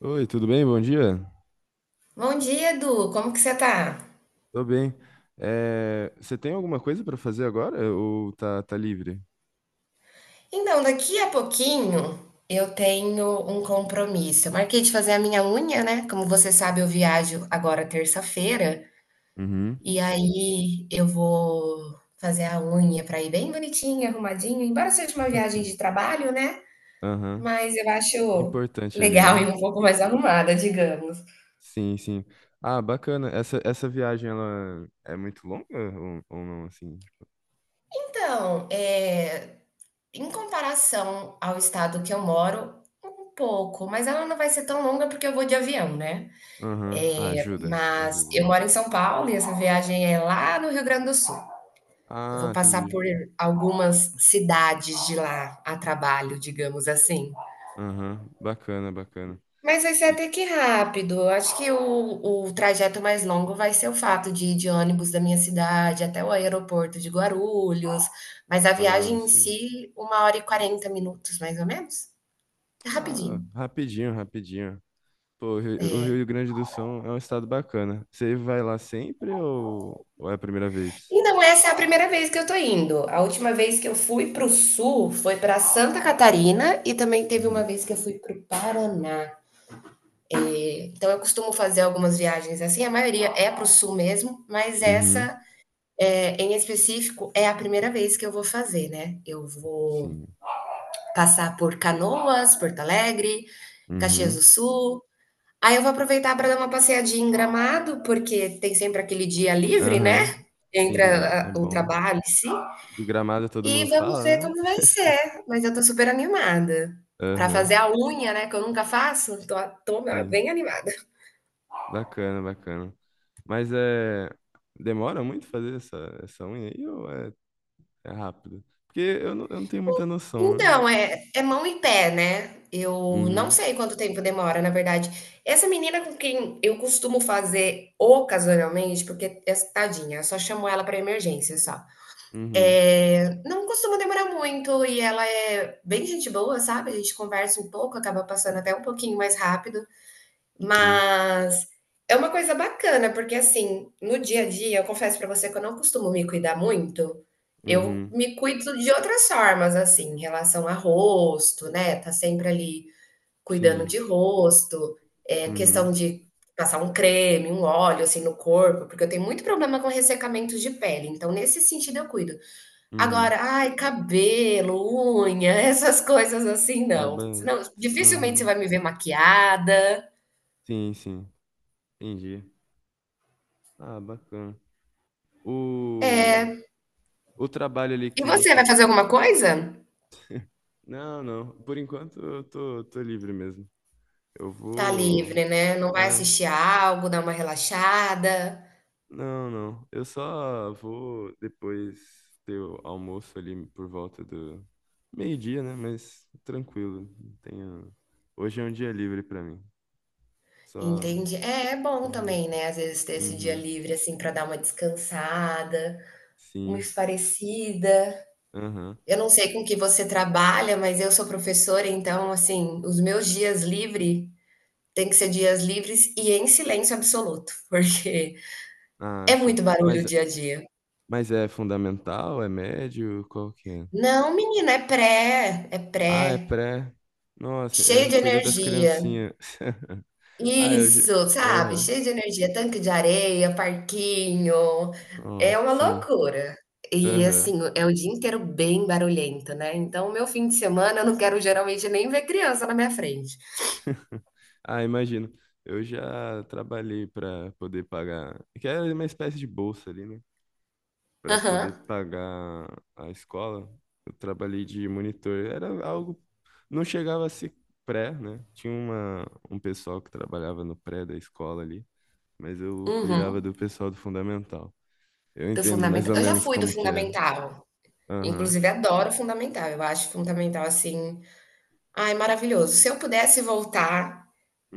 Oi, tudo bem? Bom dia. Bom dia, Edu. Como que você tá? Tô bem. É, você tem alguma coisa pra fazer agora ou tá livre? Então, daqui a pouquinho eu tenho um compromisso. Eu marquei de fazer a minha unha, né? Como você sabe, eu viajo agora terça-feira Uhum. e aí eu vou fazer a unha para ir bem bonitinha, arrumadinha, embora seja uma viagem de trabalho, né? Aham. Mas eu É acho importante ali, legal né? e um pouco mais arrumada, digamos. Sim. Ah, bacana. Essa viagem, ela é muito longa ou não, assim? Então, é, em comparação ao estado que eu moro, um pouco, mas ela não vai ser tão longa porque eu vou de avião, né? Aham. Ah, ajuda, Mas ajuda. eu moro em São Paulo e essa viagem é lá no Rio Grande do Sul. Eu Ah, vou passar entendi. por algumas cidades de lá a trabalho, digamos assim. Aham. Bacana. Mas vai ser E- até que rápido. Eu acho que o trajeto mais longo vai ser o fato de ir de ônibus da minha cidade até o aeroporto de Guarulhos. Mas a ah, viagem em sim. si, uma hora e 40 minutos, mais ou menos. É Ah, rapidinho. rapidinho. Pô, o Rio Grande do Sul é um estado bacana. Você vai lá sempre ou é a primeira vez? E não, essa é a primeira vez que eu tô indo. A última vez que eu fui para o sul foi para Santa Catarina e também teve uma Uhum. vez que eu fui para o Paraná. Então eu costumo fazer algumas viagens assim, a maioria é para o sul mesmo, mas Uhum. essa em específico é a primeira vez que eu vou fazer, né? Eu vou Sim. passar por Canoas, Porto Alegre, Caxias Uhum. do Sul. Aí eu vou aproveitar para dar uma passeadinha em Gramado, porque tem sempre aquele dia livre, né? Aham. Entre Sim, é, é o bom. trabalho, sim. E Gramado todo mundo E vamos ver fala, né? como vai ser, mas eu tô super animada. Pra Aham. fazer a unha, né, que eu nunca faço, tô Sim. bem animada. Bacana. Mas é. Demora muito fazer essa unha aí ou é, é rápido? Porque eu não tenho muita noção, né? Então, é mão e pé, né, eu não Uhum. sei quanto tempo demora, na verdade. Essa menina com quem eu costumo fazer ocasionalmente, porque é tadinha, eu só chamo ela pra emergência só. Uhum. Não costuma demorar muito e ela é bem gente boa, sabe, a gente conversa um pouco, acaba passando até um pouquinho mais rápido. Sim. Mas é uma coisa bacana, porque assim, no dia a dia, eu confesso pra você que eu não costumo me cuidar muito, eu Uhum. me cuido de outras formas, assim, em relação a rosto, né, tá sempre ali cuidando de Sim. rosto, questão Uhum. de passar um creme, um óleo, assim, no corpo, porque eu tenho muito problema com ressecamento de pele, então nesse sentido eu cuido. Agora, Uhum. ai, cabelo, unha, essas coisas assim, não. Acaba. Senão dificilmente você Aham. vai me ver maquiada. Sim. Entendi. Ah, bacana. O, o trabalho ali E que você, você. vai fazer alguma coisa? Não, não. Por enquanto eu tô livre mesmo. Eu Tá vou. livre, né, não vai Ah, assistir algo, dar uma relaxada, não, não. Eu só vou depois ter o almoço ali por volta do meio-dia, né? Mas tranquilo. Tenho... Hoje é um dia livre pra mim. Só, entende? É, é só bom também, relaxa. né, às vezes ter esse dia Uhum. livre, assim, pra dar uma descansada, uma Sim. espairecida. Aham. Eu não sei com que você trabalha, mas eu sou professora, então, assim, os meus dias livre tem que ser dias livres e em silêncio absoluto, porque Ah, é sim. muito barulho o Mas dia a dia. Mas é fundamental? É médio? Qual que é? Não menina, é pré, é pré. Ah, é pré. Nossa, Cheio é, de cuida das energia. criancinhas. Ah, eu já. Isso, sabe, Aham. cheio de energia, tanque de areia, parquinho, é Nossa, uma sim. loucura. E Aham. assim, é o dia inteiro bem barulhento, né, então o meu fim de semana eu não quero geralmente nem ver criança na minha frente. Ah, imagino. Eu já trabalhei para poder pagar. Que era uma espécie de bolsa ali, né? Para poder Aham, pagar a escola. Eu trabalhei de monitor. Era algo. Não chegava a ser pré, né? Tinha uma... um pessoal que trabalhava no pré da escola ali. Mas eu cuidava uhum, do pessoal do fundamental. Eu do entendo mais fundamental ou eu já menos fui do como que é. fundamental, Aham, inclusive adoro o fundamental, eu acho fundamental, assim. Ai, maravilhoso. Se eu pudesse voltar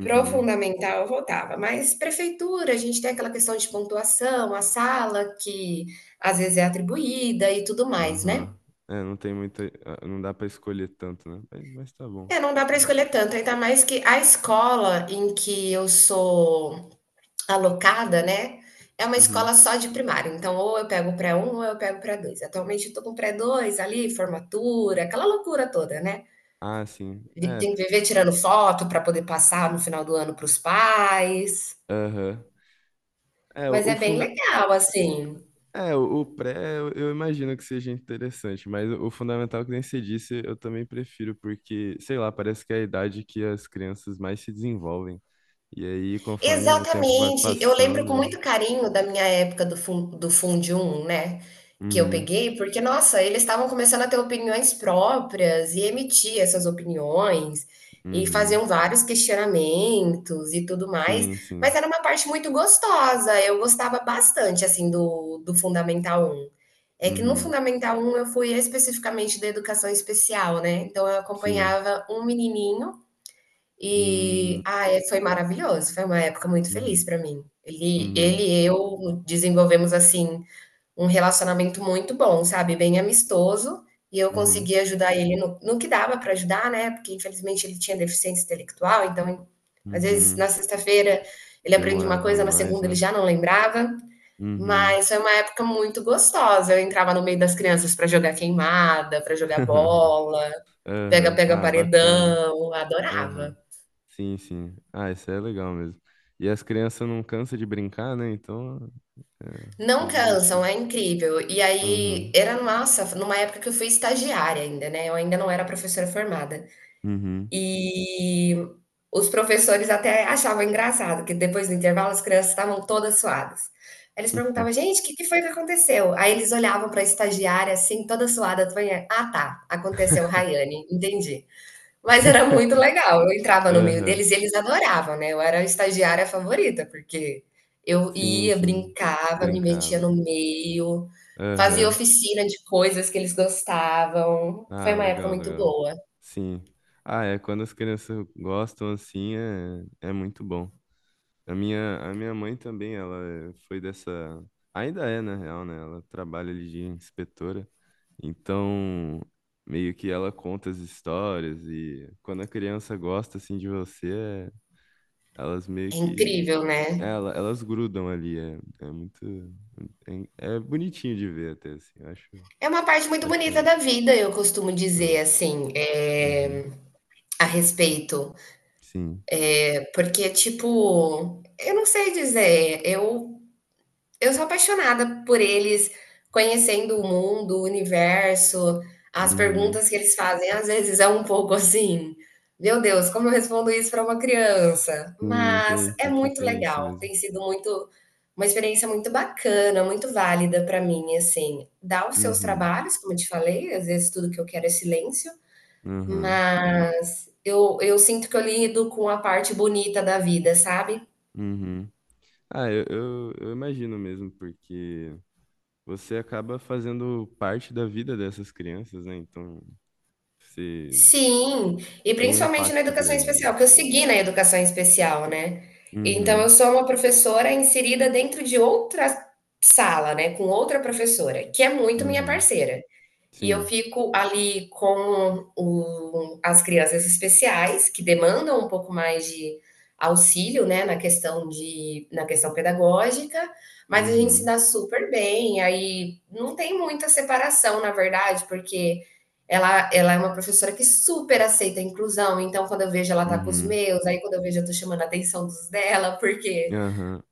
pro fundamental, eu voltava, mas prefeitura, a gente tem aquela questão de pontuação, a sala que às vezes é atribuída e tudo mais, aham. né. É, não tem muita, ah, não dá pra escolher tanto, né? Mas tá bom. É, não dá para Ah, escolher tanto, ainda mais que a escola em que eu sou alocada, né, é uma uhum. escola só de primário, então ou eu pego o pré um ou eu pego o pré dois. Atualmente eu tô com o pré dois ali, formatura, aquela loucura toda, né. Ah, sim. Vi É, tem que viver tirando foto para poder passar no final do ano para os pais. aham. É, Mas o é bem funda... legal, assim. É, o pré, eu imagino que seja interessante, mas o fundamental que nem você disse, eu também prefiro, porque, sei lá, parece que é a idade que as crianças mais se desenvolvem. E aí, conforme o tempo vai Exatamente. Eu lembro com passando. muito carinho da minha época do Fundium, né, que eu Uhum, peguei, porque, nossa, eles estavam começando a ter opiniões próprias e emitir essas opiniões, e uhum. faziam vários questionamentos e tudo mais, Sim, mas sim. era uma parte muito gostosa, eu gostava bastante, assim, do Fundamental Um. É que no Uhum. Fundamental Um eu fui especificamente da educação especial, né, então eu Sim. acompanhava um menininho. Hum, E, ah, foi maravilhoso, foi uma época muito feliz uhum. para mim. Ele Uhum. e eu desenvolvemos, assim, um relacionamento muito bom, sabe, bem amistoso, e eu Uhum. consegui ajudar ele no que dava para ajudar, né, porque infelizmente ele tinha deficiência intelectual, então, às vezes, Uhum. na sexta-feira ele aprende uma Demorava coisa, na mais, segunda ele né? já não lembrava, Uhum. mas foi uma época muito gostosa. Eu entrava no meio das crianças para jogar queimada, para jogar bola, Aham. pega-pega Ah, bacana. paredão, Aham. adorava. Sim. Ah, isso é legal mesmo. E as crianças não cansam de brincar, né? Então é, Não é cansam, divertido. é incrível. E aí, Uhum. era nossa, numa época que eu fui estagiária ainda, né, eu ainda não era professora formada. Uhum. E os professores até achavam engraçado, que depois do intervalo as crianças estavam todas suadas. Aí eles perguntavam: "Gente, o que que foi que aconteceu?" Aí eles olhavam para a estagiária, assim, toda suada. "Ah, tá, aconteceu Raiane, entendi." Mas era muito legal, eu entrava no meio Aham. deles e eles adoravam, né, eu era a estagiária favorita, porque eu Sim, ia, sim. brincava, me metia Brincava. no meio, fazia Aham. oficina de coisas que eles gostavam, foi Ah, uma época legal, muito legal. boa. Sim. Ah, é, quando as crianças gostam assim, é, é muito bom. A minha mãe também, ela é- foi dessa. Ainda é, na real, né? Ela trabalha ali de inspetora. Então, meio que ela conta as histórias e quando a criança gosta assim de você, é- elas meio É que. incrível, É, né. ela, elas grudam ali. É, é muito. É, é bonitinho de ver até, assim. Eu acho, É uma parte muito acho bonita legal. da vida, eu costumo Ah, dizer, assim, uhum, eh, a respeito, sim. porque, tipo, eu não sei dizer, eu. Eu sou apaixonada por eles conhecendo o mundo, o universo, as Uhum. perguntas que eles fazem, às vezes é um pouco assim: "Meu Deus, como eu respondo isso para uma criança?". Sim, Mas tem, é tem que muito tem isso legal, mesmo. tem sido muito uma experiência muito bacana, muito válida para mim, assim. Dá os seus Uhum, trabalhos, como eu te falei, às vezes tudo que eu quero é silêncio, uhum, mas eu sinto que eu lido com a parte bonita da vida, sabe? uhum. Ah, eu imagino mesmo, porque você acaba fazendo parte da vida dessas crianças, né? Então, você Sim, e tem um principalmente na impacto educação grande. especial, porque eu segui na educação especial, né. Então eu Uhum, sou uma professora inserida dentro de outra sala, né, com outra professora, que é muito minha uhum, parceira. E eu sim. fico ali com o- as crianças especiais, que demandam um pouco mais de auxílio, né, na questão de, na questão pedagógica, mas a gente se Uhum, dá super bem, aí não tem muita separação, na verdade, porque ela é uma professora que super aceita a inclusão, então quando eu vejo ela tá com os uhum, meus, aí quando eu vejo eu tô chamando a atenção dos dela, porque aham,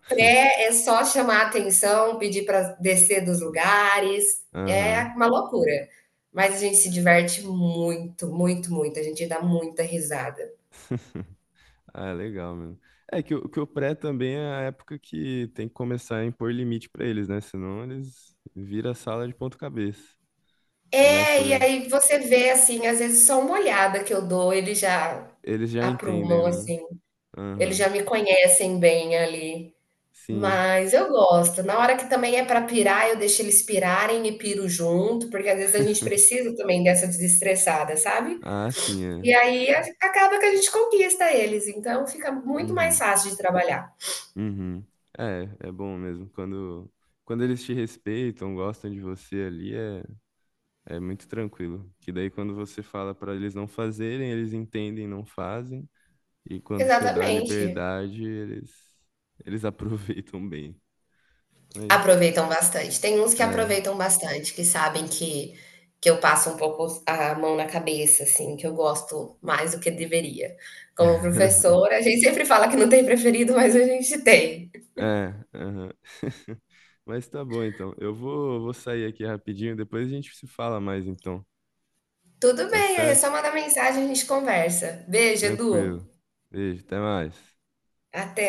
é só chamar a atenção, pedir para descer dos lugares, é aham. uma loucura. Mas a gente se diverte muito, muito, muito, a gente dá muita risada. Ah, legal mesmo. É que o pré também é a época que tem que começar a impor limite pra eles, né? Senão eles viram a sala de ponta cabeça. Começa. É, e aí você vê assim, às vezes só uma olhada que eu dou, eles já Eles já entendem, aprumam né? assim, eles Aham. já me conhecem bem ali. Sim. Mas eu gosto. Na hora que também é para pirar, eu deixo eles pirarem e piro junto, porque às vezes a gente precisa também dessa desestressada, sabe? Ah, sim, é. E aí a acaba que a gente conquista eles, então fica muito mais Uhum. fácil de trabalhar. Uhum. É, é bom mesmo. Quando eles te respeitam, gostam de você ali, é, é muito tranquilo. Que daí, quando você fala para eles não fazerem, eles entendem, e não fazem. E quando você dá a Exatamente. liberdade, eles aproveitam bem. Mas, Aproveitam bastante. Tem uns que é. aproveitam bastante, que sabem que eu passo um pouco a mão na cabeça, assim, que eu gosto mais do que deveria. Como professora, a gente sempre fala que não tem preferido, mas a gente tem. É, aham. Mas tá bom então. Eu vou sair aqui rapidinho, depois a gente se fala mais então, Tudo tá bem, aí é só certo? mandar mensagem, e a gente conversa. Beijo, Edu. Tranquilo. Beijo, até mais. Até.